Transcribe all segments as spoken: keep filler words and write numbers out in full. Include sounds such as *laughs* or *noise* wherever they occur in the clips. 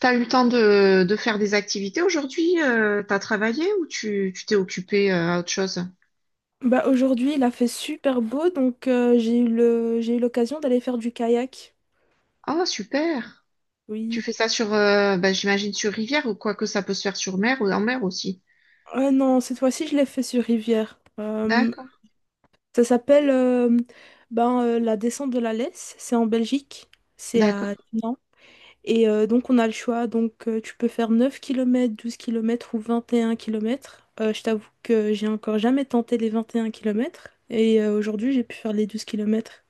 T'as eu le temps de, de faire des activités aujourd'hui? Euh, t'as travaillé ou tu tu t'es occupé euh, à autre chose? Bah aujourd'hui, il a fait super beau, donc euh, j'ai eu le... j'ai eu l'occasion d'aller faire du kayak. Ah, super! Tu Oui. fais ça sur, euh, bah, j'imagine sur rivière ou quoi que ça peut se faire sur mer ou en mer aussi. Ah non, cette fois-ci, je l'ai fait sur rivière. Euh, D'accord, Ça s'appelle euh, ben, euh, la descente de la Lesse. C'est en Belgique. C'est d'accord. à Dinan. Et euh, donc, on a le choix. Donc, euh, tu peux faire neuf kilomètres, douze kilomètres ou vingt et un kilomètres. Je t'avoue que j'ai encore jamais tenté les vingt et un kilomètres. Et euh, aujourd'hui, j'ai pu faire les douze kilomètres.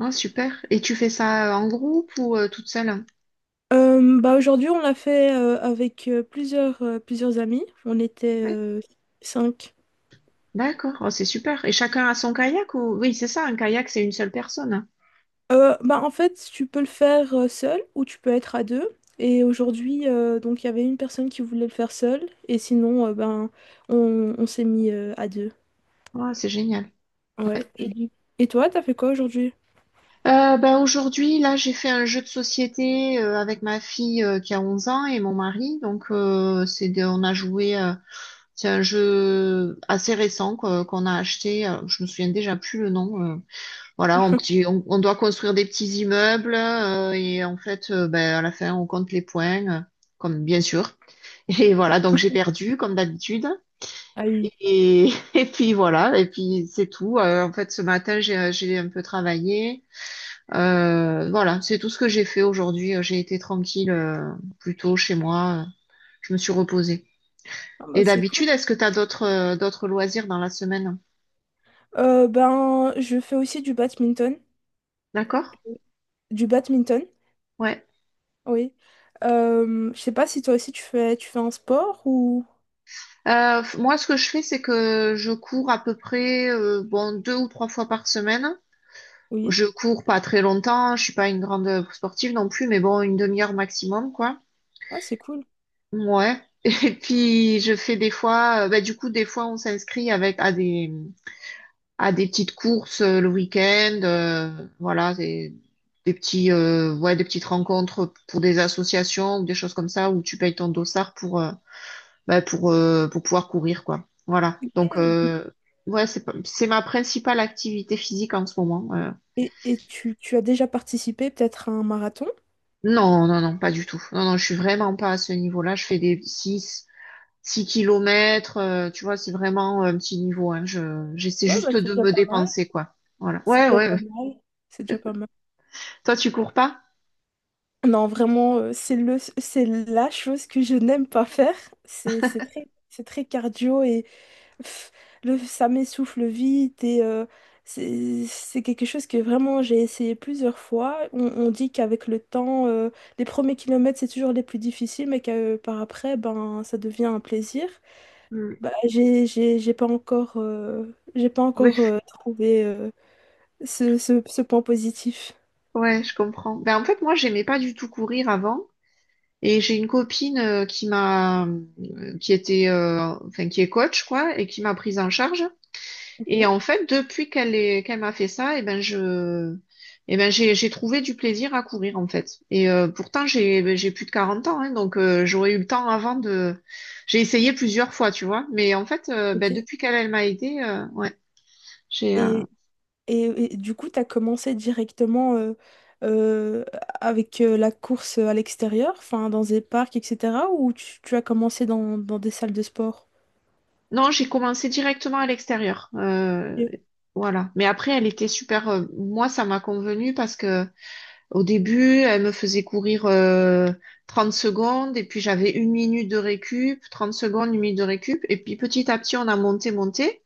Ah, super. Et tu fais ça euh, en groupe ou euh, toute seule? Euh, bah aujourd'hui, on l'a fait euh, avec euh, plusieurs, euh, plusieurs amis. On était Oui. euh, cinq. D'accord. Oh, c'est super. Et chacun a son kayak ou... Oui, c'est ça, un kayak, c'est une seule personne. Euh, bah en fait, tu peux le faire euh, seul ou tu peux être à deux. Et aujourd'hui, euh, donc il y avait une personne qui voulait le faire seule. Et sinon, euh, ben, on, on s'est mis euh, à deux. Ah, c'est génial. Ouais. Ouais. Et, du- et toi, t'as fait quoi aujourd'hui? Euh, ben aujourd'hui, là, j'ai fait un jeu de société euh, avec ma fille euh, qui a onze ans et mon mari. Donc, euh, c'est de- on a joué. Euh, c'est un jeu assez récent quoi, qu'on a acheté. Euh, je me souviens déjà plus le nom. euh. Voilà. On, petit- on, on doit construire des petits immeubles euh, et en fait, euh, ben, à la fin, on compte les points, euh, comme bien sûr. *laughs* Et voilà, donc j'ai perdu comme d'habitude. Ah oui. Et, *laughs* et puis voilà, et puis c'est tout. Euh, en fait, ce matin, j'ai j'ai un peu travaillé. Euh, voilà, c'est tout ce que j'ai fait aujourd'hui. Euh, J'ai été tranquille, euh, plutôt chez moi. Euh, Je me suis reposée. Ah bah Et c'est cool. d'habitude, est-ce que tu as d'autres euh, d'autres loisirs dans la semaine? Euh, ben, je fais aussi du badminton. D'accord? Du badminton, Ouais. oui. Euh, je sais pas si toi aussi tu fais, tu fais un sport ou... Euh, f- moi, ce que je fais, c'est que je cours à peu près euh, bon deux ou trois fois par semaine. Oui. Je cours pas très longtemps. Je suis pas une grande sportive non plus, mais bon, une demi-heure maximum, quoi. Ouais, c'est cool. Ouais. *laughs* Et puis je fais des fois, euh, bah, du coup, des fois, on s'inscrit avec à des à des petites courses euh, le week-end, euh, voilà, des, des petits, euh, ouais, des petites rencontres pour des associations ou des choses comme ça où tu payes ton dossard pour, euh, bah, pour, euh, pour pouvoir courir, quoi. Voilà. Donc, Et, du- euh, ouais, c'est, pas- c'est ma principale activité physique en ce moment. euh. et- et tu, tu as déjà participé peut-être à un marathon? Non, non, non, pas du tout. Non, non, je suis vraiment pas à ce niveau-là. Je fais des six six kilomètres, euh, tu vois, c'est vraiment un petit niveau, hein. Je, j'essaie Ouais, bah juste c'est de déjà me pas mal. dépenser, quoi. Voilà. C'est Ouais, déjà ouais, pas ouais. mal. C'est déjà pas mal. Toi, tu cours pas? Non, vraiment, euh, c'est le, c'est la chose que je n'aime pas faire. C'est, c'est très, c'est très cardio et pff, le, ça m'essouffle vite. Et euh, c'est, c'est quelque chose que vraiment j'ai essayé plusieurs fois. On, on dit qu'avec le temps, euh, les premiers kilomètres, c'est toujours les plus difficiles, mais que, euh, par après, ben, ça devient un plaisir. Hmm. Bah, j'ai, j'ai, j'ai pas encore, euh, j'ai pas encore euh, trouvé euh, ce, ce, ce point positif. Ouais, je comprends. Ben, en fait, moi, j'aimais pas du tout courir avant. Et j'ai une copine euh, qui m'a, euh, qui était, euh, enfin, qui est coach, quoi, et qui m'a prise en charge. Et Ok, en fait, depuis qu'elle est, qu'elle m'a fait ça, et ben, je, et ben, j'ai, j'ai trouvé du plaisir à courir, en fait. Et euh, pourtant, j'ai, ben, j'ai plus de quarante ans, hein, donc euh, j'aurais eu le temps avant de, j'ai essayé plusieurs fois, tu vois. Mais en fait, euh, ben, ok. depuis qu'elle, elle m'a aidée, euh, ouais, j'ai, euh, Et, et, et du coup, tu as commencé directement euh, euh, avec euh, la course à l'extérieur, enfin dans des parcs, et cetera. Ou tu, tu as commencé dans, dans des salles de sport? Non, j'ai commencé directement à l'extérieur. Euh, Ok, Voilà. Mais après, elle était super. Euh, moi, ça m'a convenu parce que au début, elle me faisait courir euh, trente secondes et puis j'avais une minute de récup, trente secondes, une minute de récup. Et puis petit à petit, on a monté, monté.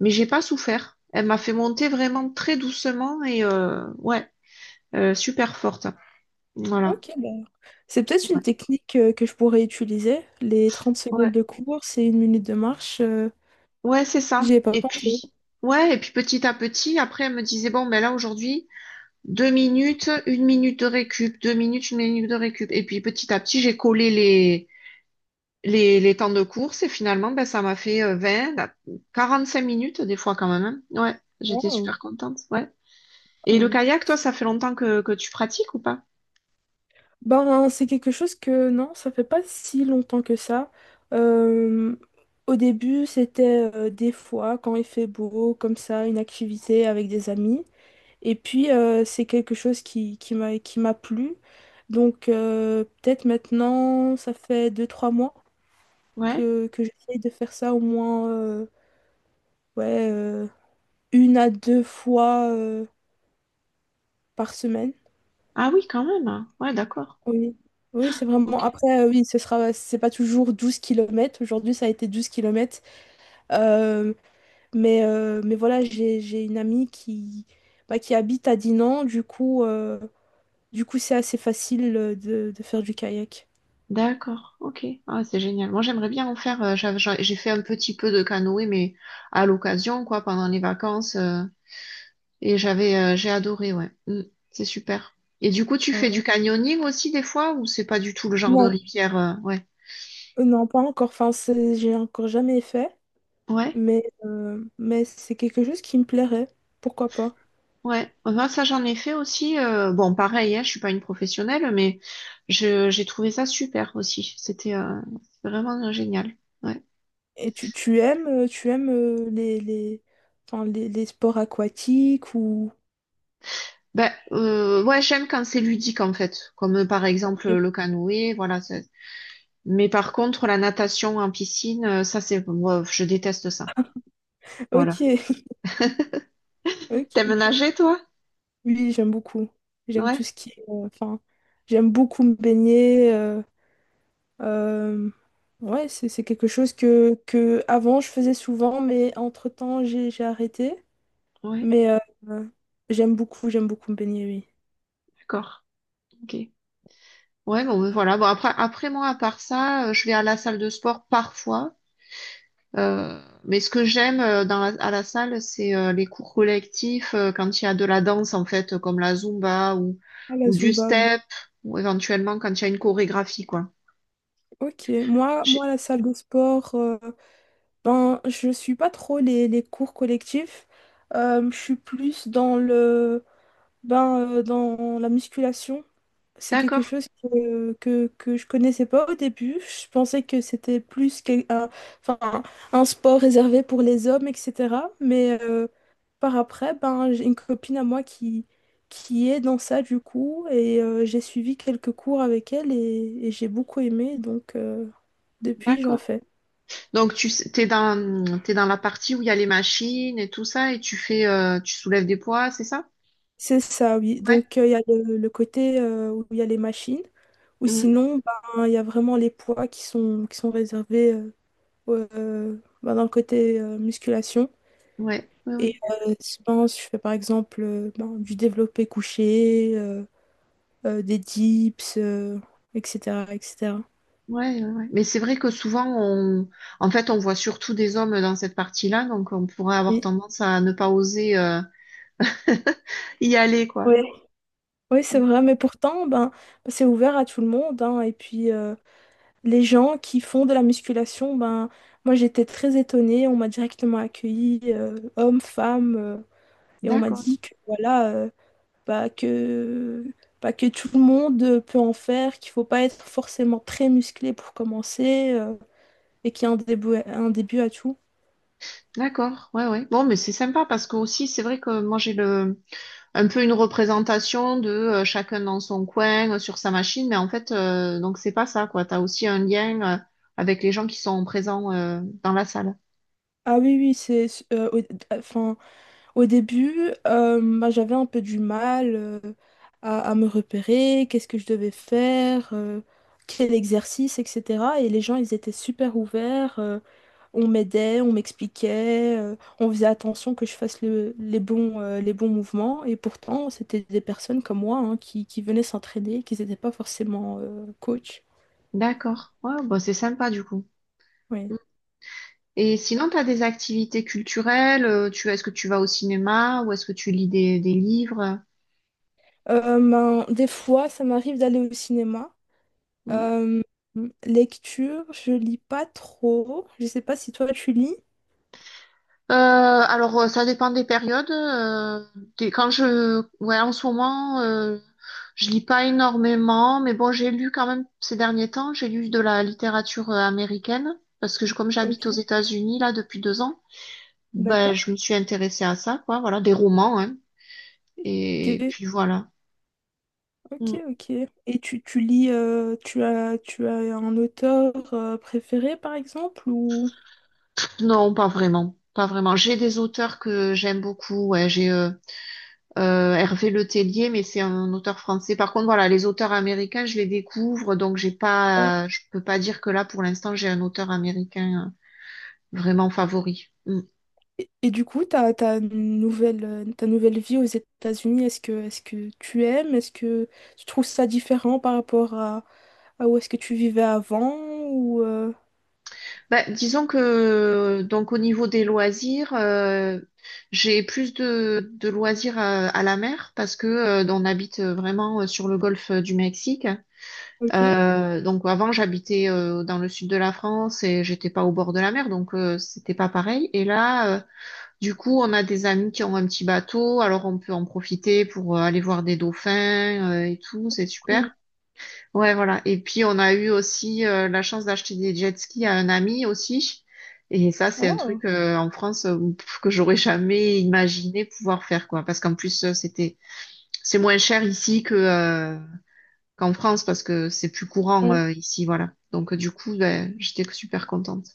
Mais j'ai pas souffert. Elle m'a fait monter vraiment très doucement et euh, ouais, euh, super forte. Voilà. ok, bah, c'est peut-être une Ouais. technique euh, que je pourrais utiliser. Les trente secondes Ouais, de course et une minute de marche, euh, ouais, c'est ça. j'y ai pas Et pensé. puis, ouais, et puis petit à petit, après, elle me disait, bon, ben là, aujourd'hui. Deux minutes, une minute de récup, deux minutes, une minute de récup. Et puis petit à petit, j'ai collé les, les, les temps de course et finalement, ben, ça m'a fait euh, vingt, la- quarante-cinq minutes des fois quand même, hein. Ouais, j'étais Wow, super contente. Ouais. Et le wow. kayak, toi, ça fait longtemps que, que tu pratiques ou pas? Ben, c'est quelque chose que non, ça fait pas si longtemps que ça. Euh, Au début, c'était euh, des fois quand il fait beau, comme ça, une activité avec des amis. Et puis, euh, c'est quelque chose qui, qui m'a, qui m'a plu. Donc, euh, peut-être maintenant, ça fait deux trois mois Ouais. que, que j'essaye de faire ça au moins euh, ouais, euh, une à deux fois euh, par semaine. Ah oui, quand même, hein. Ouais, d'accord. Oui, oui, c'est vraiment. Ok. Après, euh, oui, ce sera, c'est pas toujours douze kilomètres. Aujourd'hui, ça a été douze kilomètres. mais, euh, mais voilà, j'ai, j'ai une amie qui, bah, qui habite à Dinan. Du coup, euh, du coup, c'est assez facile euh, de, de faire du kayak. D'accord. Ok. Ah, c'est génial. Moi, j'aimerais bien en faire. euh, j'avais- J'ai j'ai fait un petit peu de canoë, mais à l'occasion, quoi, pendant les vacances. euh, Et j'avais, euh, j'ai adoré, ouais. Mm, c'est super. Et du coup, tu fais du Ouais. canyoning aussi des fois ou c'est pas du tout le genre de Non, rivière, euh, ouais. euh, non, pas encore. Enfin, c'est- j'ai encore jamais fait. Ouais, Mais, euh, mais c'est quelque chose qui me plairait. Pourquoi pas? ouais. Moi, ça, j'en ai fait aussi. Euh, bon, pareil, hein, je suis pas une professionnelle, mais je, j'ai trouvé ça super aussi. C'était euh, vraiment euh, génial. Ouais. Et tu, tu aimes, euh, tu aimes euh, les, les, enfin, les, les sports aquatiques ou... Ben, euh, ouais, j'aime quand c'est ludique en fait, comme euh, par exemple le canoë, voilà. c'est- Mais par contre, la natation en piscine, euh, ça, c'est, moi, je déteste ça. Voilà. Ok. T'aimes Ok. nager, toi? Oui, j'aime beaucoup. J'aime Ouais, tout ce qui est, euh, Enfin, j'aime beaucoup me baigner. euh, euh, ouais, c'est c'est quelque chose que, que avant je faisais souvent, mais entre-temps, j'ai j'ai arrêté. ouais, Mais euh, euh, j'aime beaucoup, j'aime beaucoup me baigner, oui. d'accord. Ok. Ouais, bon, voilà. Bon, après, après moi, à part ça, euh, je vais à la salle de sport parfois. Euh, mais ce que j'aime euh, dans la- à la salle, c'est euh, les cours collectifs, euh, quand il y a de la danse, en fait, euh, comme la Zumba ou, Ah, la ou du Zumba, oui. step, ou éventuellement quand il y a une chorégraphie, quoi. Ok, moi, Je- moi la salle de sport, euh, ben, je suis pas trop les, les cours collectifs. Euh, je suis plus dans le, ben, euh, dans la musculation. C'est quelque D'accord, chose que, que, que je connaissais pas au début. Je pensais que c'était plus qu'un, un- enfin, un un sport réservé pour les hommes, et cetera. Mais euh, par après, ben, j'ai une copine à moi qui, qui est dans ça du coup. Et euh, j'ai suivi quelques cours avec elle et, et j'ai beaucoup aimé. Donc euh, depuis, j'en d'accord. fais. Donc, tu sais- t'es dans, t'es dans la partie où il y a les machines et tout ça, et tu fais, euh, tu soulèves des poids, c'est ça? C'est ça, oui. Ouais. Donc euh, il y a le, le côté euh, où il y a les machines. Ou Mm. sinon, ben, il y a vraiment les poids qui sont, qui sont réservés. Euh, euh, ben, dans le côté euh, musculation. Ouais, oui, Et oui. Euh, sinon, si je fais par exemple euh, ben, du développé couché, euh, euh, des dips, euh, et cetera, et cetera. Ouais, ouais, ouais. Mais c'est vrai que souvent, on... en fait, on voit surtout des hommes dans cette partie-là, donc on pourrait avoir Oui, tendance à ne pas oser euh, *laughs* y aller, quoi. ouais. Oui, c'est Mm. vrai, mais pourtant, ben, c'est ouvert à tout le monde, hein. Et puis, euh, les gens qui font de la musculation, ben, moi, j'étais très étonnée. On m'a directement accueillie, euh, hommes, femmes, euh, et on m'a D'accord, dit que voilà, euh, pas que, pas que tout le monde peut en faire, qu'il faut pas être forcément très musclé pour commencer euh, et qu'il y a un début, un début à tout. d'accord, ouais, ouais. Bon, mais c'est sympa parce que aussi, c'est vrai que moi, j'ai le... un peu une représentation de euh, chacun dans son coin, euh, sur sa machine, mais en fait, euh, donc c'est pas ça, quoi. T'as aussi un lien euh, avec les gens qui sont présents euh, dans la salle. Ah oui, oui, c'est, euh, au, enfin, au début, euh, bah, j'avais un peu du mal euh, à, à me repérer, qu'est-ce que je devais faire, euh, quel exercice, et cetera. Et les gens, ils étaient super ouverts. euh, On m'aidait, on m'expliquait, euh, on faisait attention que je fasse le- les bons, euh, les bons mouvements. Et pourtant, c'était des personnes comme moi, hein, qui, qui venaient s'entraîner, qui n'étaient pas forcément euh, coach. D'accord, ouais, bah, c'est sympa du coup. Oui. Et sinon, tu as des activités culturelles, euh, tu, est-ce que tu vas au cinéma ou est-ce que tu lis des, des livres? Euh, ben, des fois, ça m'arrive d'aller au cinéma. Mm. Euh, Lecture, je lis pas trop. Je sais pas si toi, tu lis. Euh, alors, euh, ça dépend des périodes. euh, des- quand je, ouais, en ce moment, euh, je lis pas énormément, mais bon, j'ai lu quand même ces derniers temps, j'ai lu de la littérature euh, américaine parce que je, comme j'habite aux Ok, États-Unis là depuis deux ans, ben, je d'accord. me suis intéressée à ça, quoi. Voilà, des romans, hein. Et Ok, puis voilà. ok, ok. Et tu, tu lis, euh, tu as, tu as un auteur euh, préféré, par exemple, ou... Non, pas vraiment. Pas vraiment. J'ai des auteurs que j'aime beaucoup, ouais. J'ai euh, euh, Hervé Le Tellier, mais c'est un auteur français. Par contre, voilà, les auteurs américains, je les découvre, donc j'ai pas, je peux pas dire que là, pour l'instant, j'ai un auteur américain euh, vraiment favori. Mm. Et, et du coup, ta, ta nouvelle, euh, ta nouvelle vie aux États-Unis, est-ce que, est-ce que tu aimes? Est-ce que tu trouves ça différent par rapport à, à où est-ce que tu vivais avant ou euh, Bah, disons que donc au niveau des loisirs, euh, j'ai plus de, de loisirs à, à la mer parce que euh, on habite euh, vraiment euh, sur le golfe euh, du Mexique. Ok, Euh, donc avant, j'habitais euh, dans le sud de la France et j'étais pas au bord de la mer, donc euh, c'était pas pareil. Et là, euh, du coup, on a des amis qui ont un petit bateau, alors on peut en profiter pour euh, aller voir des dauphins euh, et tout, c'est cool. super. Ouais, voilà. Et puis on a eu aussi euh, la chance d'acheter des jet skis à un ami aussi. Et ça, c'est un truc Oh, euh, en France, euh, pff, que j'aurais jamais imaginé pouvoir faire, quoi. Parce qu'en plus, euh, c'était c'est moins cher ici que euh, qu'en France parce que c'est plus courant ouais. euh, ici, voilà. Donc euh, du coup, ben, j'étais super contente.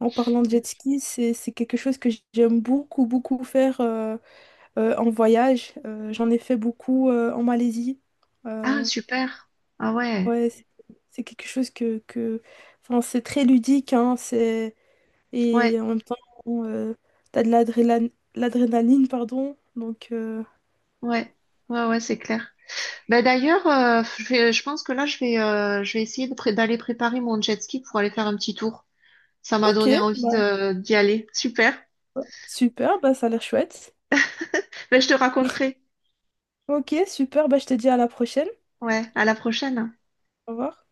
En parlant de jet ski, c'est, c'est quelque chose que j'aime beaucoup, beaucoup faire euh, euh, en voyage. Euh, j'en ai fait beaucoup euh, en Malaisie. Ah, Euh, super. Ah ouais, ouais, c'est c'est quelque chose que, que... Enfin, c'est très ludique, hein, c'est... ouais, Et en même temps, bon, euh, t'as de l'adrénaline, l'adrénaline, pardon. Donc, euh, ouais, ouais, ouais, c'est clair. Ben d'ailleurs, euh, je vais- je pense que là, je vais, euh, je vais essayer de pré- d'aller préparer mon jet ski pour aller faire un petit tour. Ça m'a donné ok, envie bah, de, d'y aller. Super. super, bah, ça a l'air chouette. Ben, je te raconterai. Ok, super, bah, je te dis à la prochaine. Ouais, à la prochaine. Au revoir.